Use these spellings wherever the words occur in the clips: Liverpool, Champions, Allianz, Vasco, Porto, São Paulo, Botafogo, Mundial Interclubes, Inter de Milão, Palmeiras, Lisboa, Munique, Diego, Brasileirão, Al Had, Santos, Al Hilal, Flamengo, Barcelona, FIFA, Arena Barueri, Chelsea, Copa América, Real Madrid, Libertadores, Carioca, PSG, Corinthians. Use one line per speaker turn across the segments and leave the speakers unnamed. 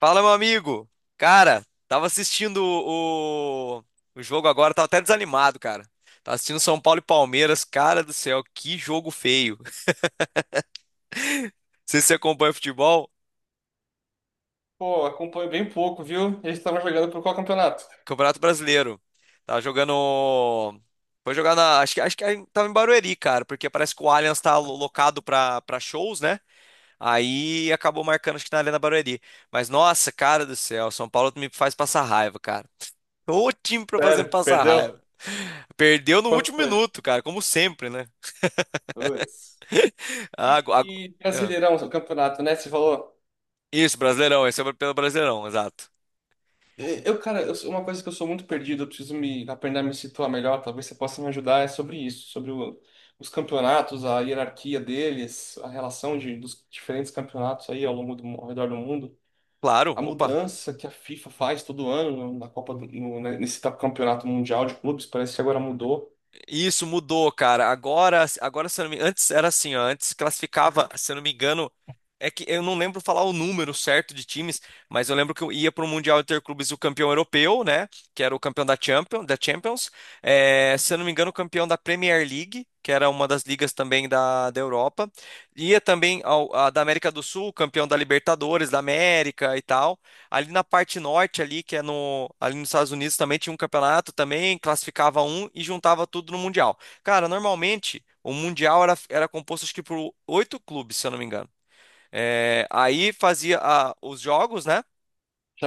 Fala, meu amigo. Cara, tava assistindo o jogo agora, tava até desanimado, cara. Tava assistindo São Paulo e Palmeiras. Cara do céu, que jogo feio. Não sei se você acompanha futebol.
Pô, acompanho bem pouco, viu? Eles estavam jogando por qual campeonato?
Campeonato Brasileiro. Tava jogando. Foi jogar na. Acho que tava em Barueri, cara, porque parece que o Allianz tá locado pra shows, né? Aí acabou marcando, acho que na Arena Barueri. Mas nossa, cara do céu, São Paulo me faz passar raiva, cara. O time pra fazer me
Sério,
passar raiva.
perdeu?
Perdeu no
Quanto
último
foi?
minuto, cara, como sempre, né?
Putz.
Ah,
E,
agu- agu-
e
ah,
Brasileirão, o campeonato, né? Você falou.
Isso, Brasileirão, esse é pelo Brasileirão, exato.
Cara, uma coisa que eu sou muito perdido, eu preciso me aprender a me situar melhor, talvez você possa me ajudar, é sobre isso, sobre os campeonatos, a hierarquia deles, a relação dos diferentes campeonatos aí ao redor do mundo,
Claro,
a
opa.
mudança que a FIFA faz todo ano na Copa do, no, né, nesse campeonato mundial de clubes, parece que agora mudou.
Isso mudou, cara. Agora se eu não me... antes era assim, ó, antes classificava, se eu não me engano, é que eu não lembro falar o número certo de times, mas eu lembro que eu ia para o Mundial Interclubes o campeão europeu, né, que era o campeão da Champions, da Champions. É, se eu não me engano, o campeão da Premier League, que era uma das ligas também da Europa. Ia também ao, a da América do Sul, campeão da Libertadores, da América e tal. Ali na parte norte, ali, que é no, ali nos Estados Unidos, também tinha um campeonato, também classificava um e juntava tudo no Mundial. Cara, normalmente o Mundial era composto acho que por oito clubes, se eu não me engano. É, aí fazia os jogos, né?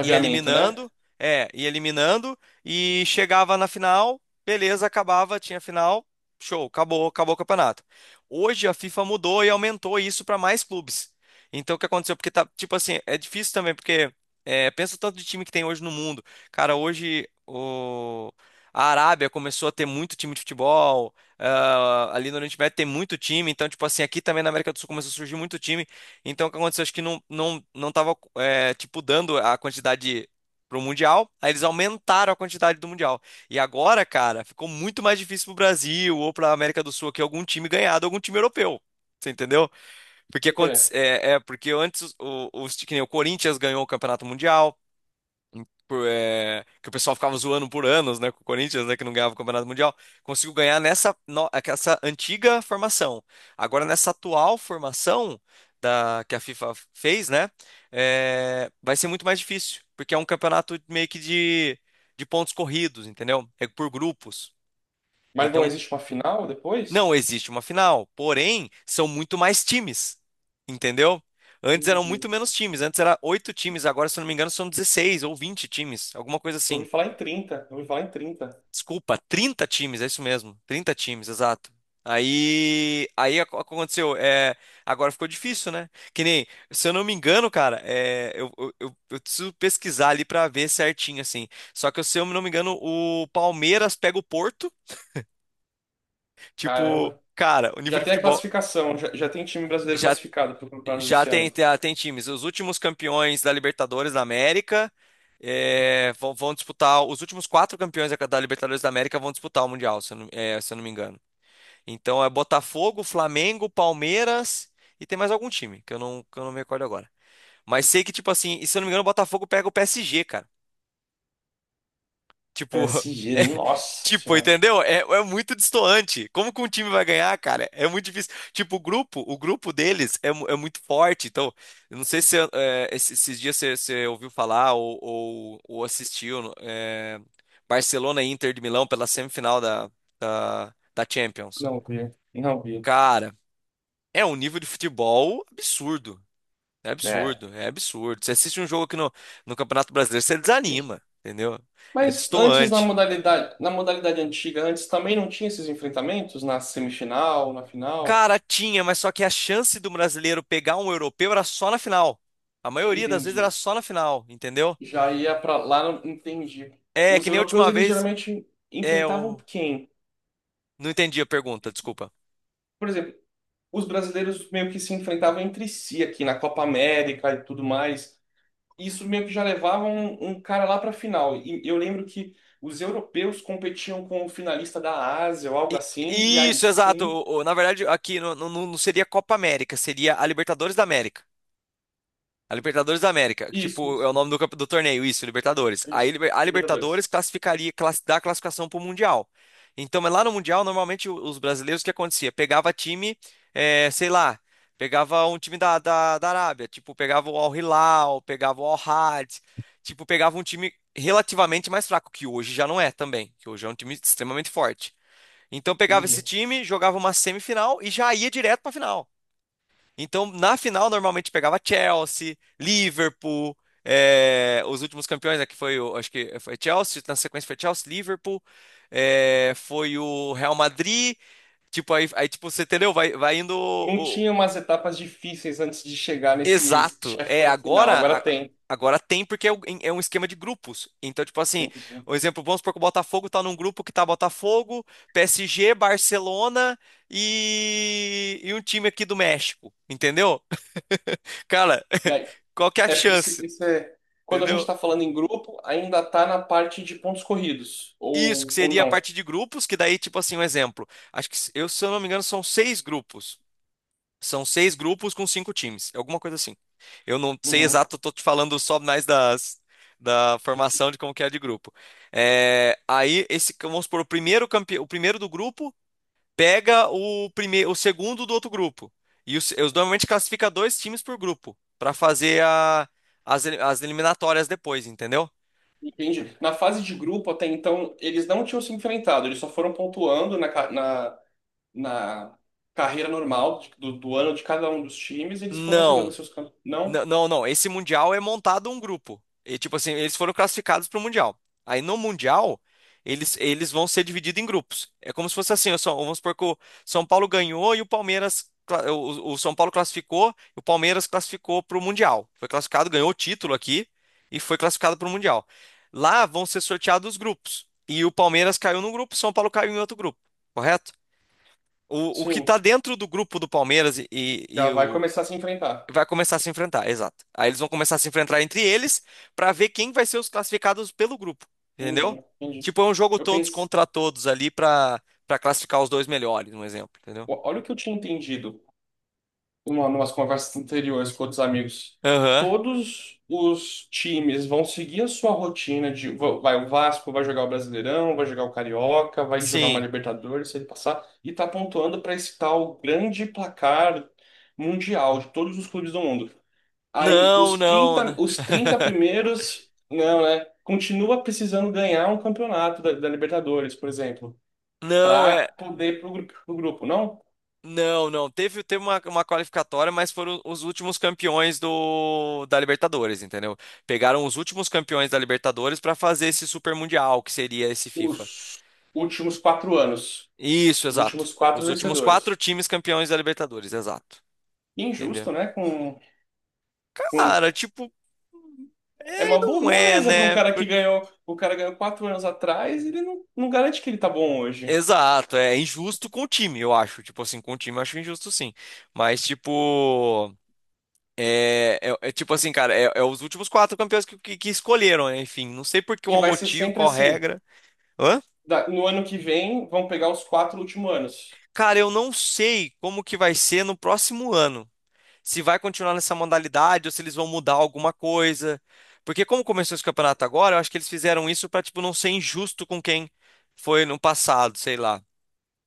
Ia
né?
eliminando, ia eliminando e chegava na final, beleza, acabava, tinha final, show, acabou, acabou o campeonato. Hoje a FIFA mudou e aumentou isso para mais clubes. Então o que aconteceu? Porque tá, tipo assim, é difícil também, porque pensa o tanto de time que tem hoje no mundo. Cara, hoje o a Arábia começou a ter muito time de futebol, ali no Oriente Médio tem muito time, então, tipo assim, aqui também na América do Sul começou a surgir muito time. Então, o que aconteceu? Acho que não tava, tipo, dando a quantidade pro Mundial. Aí eles aumentaram a quantidade do Mundial. E agora, cara, ficou muito mais difícil pro Brasil ou pra América do Sul que algum time ganhado, algum time europeu. Você entendeu? Porque,
Por quê?
porque antes os, que nem o Corinthians ganhou o Campeonato Mundial, por, é, que o pessoal ficava zoando por anos, né, com o Corinthians, né, que não ganhava o Campeonato Mundial, conseguiu ganhar nessa no- essa antiga formação. Agora, nessa atual formação que a FIFA fez, né, vai ser muito mais difícil, porque é um campeonato meio que de pontos corridos, entendeu? É por grupos.
Mas não
Então,
existe uma final depois?
não existe uma final, porém, são muito mais times, entendeu? Antes eram muito
Entendi.
menos times, antes era oito times, agora, se eu não me engano, são 16 ou 20 times, alguma coisa
Ouvi
assim.
falar em 30, ouvi falar em 30.
Desculpa, 30 times, é isso mesmo. 30 times, exato. Aconteceu, agora ficou difícil, né? Que nem, se eu não me engano, cara, eu preciso pesquisar ali pra ver certinho, assim. Só que se eu não me engano, o Palmeiras pega o Porto, tipo,
Caramba.
cara, o nível
Já
de
tem a
futebol
classificação. Já, já tem time brasileiro
já,
classificado para o campeonato
já
desse
tem,
ano.
tem times. Os últimos campeões da Libertadores da América vão disputar, os últimos quatro campeões da Libertadores da América vão disputar o Mundial, se eu não, se eu não me engano. Então é Botafogo, Flamengo, Palmeiras e tem mais algum time que eu não me recordo agora. Mas sei que, tipo assim, e se eu não me engano, o Botafogo pega o PSG, cara. Tipo,
PSG,
é,
nossa
tipo,
senhora.
entendeu? É muito destoante. Como que um time vai ganhar, cara? É muito difícil. Tipo, o grupo deles é é muito forte. Então, eu não sei se é, esses, esses dias você ouviu falar ou assistiu Barcelona e Inter de Milão pela semifinal da da Champions.
Não vi. Não vi.
Cara, é um nível de futebol absurdo. É
É.
absurdo, é absurdo. Você assiste um jogo aqui no Campeonato Brasileiro, você desanima, entendeu? É
Mas antes
destoante.
na modalidade antiga, antes também não tinha esses enfrentamentos na semifinal, na final.
Cara, tinha, mas só que a chance do brasileiro pegar um europeu era só na final. A maioria das vezes era
Entendi.
só na final, entendeu?
Já ia pra lá, não entendi.
É,
Os
que nem a
europeus
última
eles
vez.
geralmente
É,
enfrentavam
eu
quem?
não entendi a pergunta, desculpa.
Por exemplo, os brasileiros meio que se enfrentavam entre si aqui na Copa América e tudo mais. Isso meio que já levava um cara lá para a final. E eu lembro que os europeus competiam com o finalista da Ásia ou algo
I-
assim, e aí
Isso, exato.
sim.
Na verdade, aqui não seria Copa América, seria a Libertadores da América. A Libertadores da América, que,
Isso,
tipo, é o
isso,
nome do, do torneio, isso, Libertadores.
isso.
A
Libertadores.
Libertadores classificaria, dá a classificação pro Mundial. Então, mas lá no Mundial, normalmente os brasileiros, o que acontecia? Pegava time, sei lá, pegava um time da Arábia, tipo, pegava o Al Hilal, pegava o Al Had, tipo, pegava um time relativamente mais fraco, que hoje já não é também, que hoje é um time extremamente forte. Então, pegava esse
Entendi.
time, jogava uma semifinal e já ia direto pra final. Então, na final, normalmente pegava Chelsea, Liverpool, os últimos campeões aqui foi, acho que foi Chelsea, na sequência foi Chelsea, Liverpool, foi o Real Madrid, tipo, tipo, você entendeu? Vai, vai indo
Não tinha umas etapas difíceis antes de chegar nesse
exato.
chefão final. Agora
Agora,
tem.
agora tem porque é um esquema de grupos. Então, tipo assim,
Entendi.
um exemplo, vamos supor que o Botafogo tá num grupo que tá Botafogo, PSG, Barcelona e um time aqui do México, entendeu? Cara,
E aí,
qual que é a
é, isso,
chance?
isso é. Quando a gente
Entendeu?
está falando em grupo, ainda tá na parte de pontos corridos.
Isso, que
Ou
seria a
não.
parte de grupos, que daí, tipo assim, um exemplo. Acho que, se eu não me engano, são seis grupos. São seis grupos com cinco times, alguma coisa assim. Eu não sei
Uhum.
exato, eu tô te falando só mais da formação de como que é de grupo. Vamos supor, o primeiro do grupo pega o segundo do outro grupo. E os, eu normalmente classifica dois times por grupo, para fazer as eliminatórias depois, entendeu?
Entendi. Na fase de grupo, até então, eles não tinham se enfrentado, eles só foram pontuando na na carreira normal do do ano de cada um dos times, e eles foram jogando
Não,
seus cantos. Não?
Não. Esse Mundial é montado um grupo. E, tipo assim, eles foram classificados para o Mundial. Aí no Mundial, eles vão ser divididos em grupos. É como se fosse assim, ó, vamos supor que o São Paulo ganhou e o Palmeiras. O São Paulo classificou e o Palmeiras classificou para o Mundial. Foi classificado, ganhou o título aqui e foi classificado para o Mundial. Lá vão ser sorteados os grupos. E o Palmeiras caiu num grupo, o São Paulo caiu em outro grupo, correto? O que
Sim,
está dentro do grupo do Palmeiras
já
e
vai
o,
começar a se enfrentar.
vai começar a se enfrentar, exato. Aí eles vão começar a se enfrentar entre eles pra ver quem vai ser os classificados pelo grupo, entendeu?
Entendi, entendi.
Tipo, é um jogo
Eu
todos
pensei,
contra todos ali pra para classificar os dois melhores, um exemplo, entendeu?
olha o que eu tinha entendido. Numas conversas anteriores com outros amigos,
Aham.
todos os times vão seguir a sua rotina de vai o Vasco vai jogar o Brasileirão, vai jogar o Carioca, vai jogar uma
Sim.
Libertadores, se ele passar, e tá pontuando para esse tal grande placar mundial de todos os clubes do mundo. Aí
Não, não, n-
os 30 primeiros, não, né? Continua precisando ganhar um campeonato da Libertadores, por exemplo,
não
para
é,
poder ir pro grupo, não?
não. Teve uma qualificatória, mas foram os últimos campeões do da Libertadores, entendeu? Pegaram os últimos campeões da Libertadores pra fazer esse Super Mundial, que seria esse FIFA.
Os últimos quatro anos.
Isso,
Os
exato.
últimos quatro
Os últimos quatro
vencedores.
times campeões da Libertadores, exato. Entendeu?
Injusto, né? Com...
Cara, tipo,
É uma
não é,
moleza para um
né?
cara que ganhou. O cara ganhou quatro anos atrás, ele não, não garante que ele tá bom hoje.
Exato, é injusto com o time, eu acho. Tipo assim, com o time eu acho injusto sim. Mas, tipo, é tipo assim, cara, é os últimos quatro campeões que escolheram, né? Enfim, não sei por
E
qual
vai ser
motivo,
sempre
qual
assim.
regra. Hã?
No ano que vem, vão pegar os quatro últimos anos.
Cara, eu não sei como que vai ser no próximo ano. Se vai continuar nessa modalidade ou se eles vão mudar alguma coisa. Porque como começou esse campeonato agora, eu acho que eles fizeram isso para tipo não ser injusto com quem foi no passado, sei lá.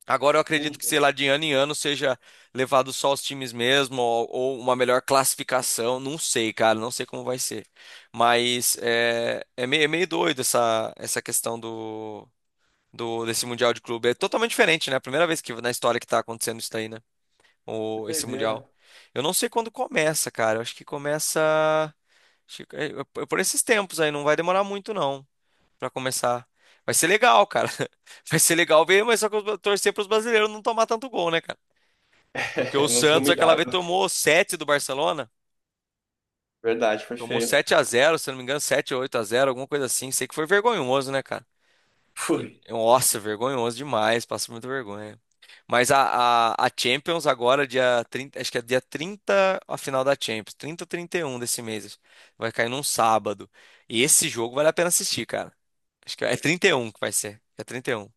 Agora eu acredito que, sei
Entendi.
lá, de ano em ano seja levado só os times mesmo ou uma melhor classificação, não sei, cara, não sei como vai ser. Mas é meio doido essa questão do desse Mundial de Clube. É totalmente diferente, né? A primeira vez que na história que tá acontecendo isso daí, né?
Que
Esse Mundial.
doideira.
Eu não sei quando começa, cara. Eu acho que começa. acho que- é, é por esses tempos aí, não vai demorar muito, não, pra começar. Vai ser legal, cara. Vai ser legal ver, mas só que eu torcer pros brasileiros não tomar tanto gol, né, cara? Porque o
Não ser
Santos aquela vez
humilhado.
tomou 7 do Barcelona.
Verdade, foi
Tomou
feio.
7 a 0, se não me engano, 7 ou 8 a 0, alguma coisa assim. Sei que foi vergonhoso, né, cara?
Foi.
Nossa, vergonhoso demais, passa muita vergonha. Mas a Champions agora, dia 30 acho que é dia 30 a final da Champions, 30 ou 31 desse mês. Vai cair num sábado. E esse jogo vale a pena assistir, cara. Acho que é 31 que vai ser. É 31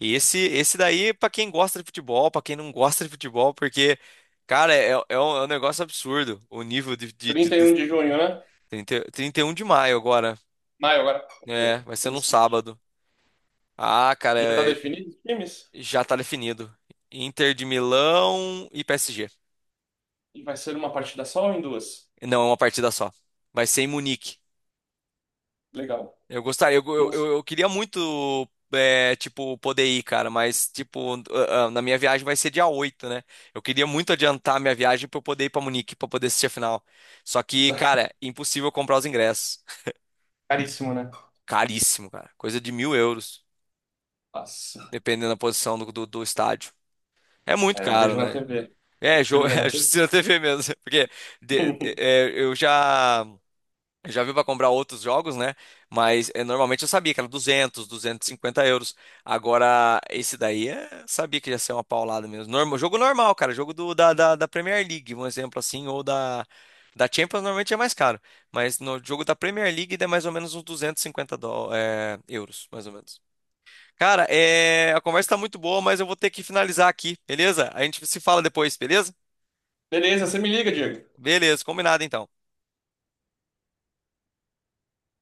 e esse daí, é pra quem gosta de futebol, pra quem não gosta de futebol, porque, cara, é um negócio absurdo o nível de, de, de,
trinta e
de
um de junho, né?
30 31 de maio agora.
Maio agora. Vamos
É,
ver.
vai ser num
Interessante.
sábado. Ah, cara,
Já tá definido os times?
já tá definido. Inter de Milão e PSG.
E vai ser uma partida só ou em duas?
Não, é uma partida só. Vai ser em Munique.
Legal.
Eu gostaria,
Nossa,
eu queria muito, tipo, poder ir, cara, mas, tipo, na minha viagem vai ser dia 8, né? Eu queria muito adiantar a minha viagem pra eu poder ir pra Munique, pra poder assistir a final. Só que, cara, impossível comprar os ingressos.
caríssimo, né?
Caríssimo, cara. Coisa de €1.000,
Nossa.
dependendo da posição do estádio. É muito
É, eu
caro,
vejo na
né?
TV. Prefiro ver
É,
na TV.
assistindo na TV mesmo. Porque eu já. Já viu para comprar outros jogos, né? Mas normalmente eu sabia que era 200, €250. Agora, esse daí sabia que ia ser uma paulada mesmo. Normal, jogo normal, cara. Jogo do, da Premier League, um exemplo assim. Ou da Champions, normalmente é mais caro. Mas no jogo da Premier League, dá mais ou menos uns 250 euros, mais ou menos. Cara, a conversa tá muito boa, mas eu vou ter que finalizar aqui, beleza? A gente se fala depois, beleza?
Beleza, você me liga, Diego.
Beleza, combinado então.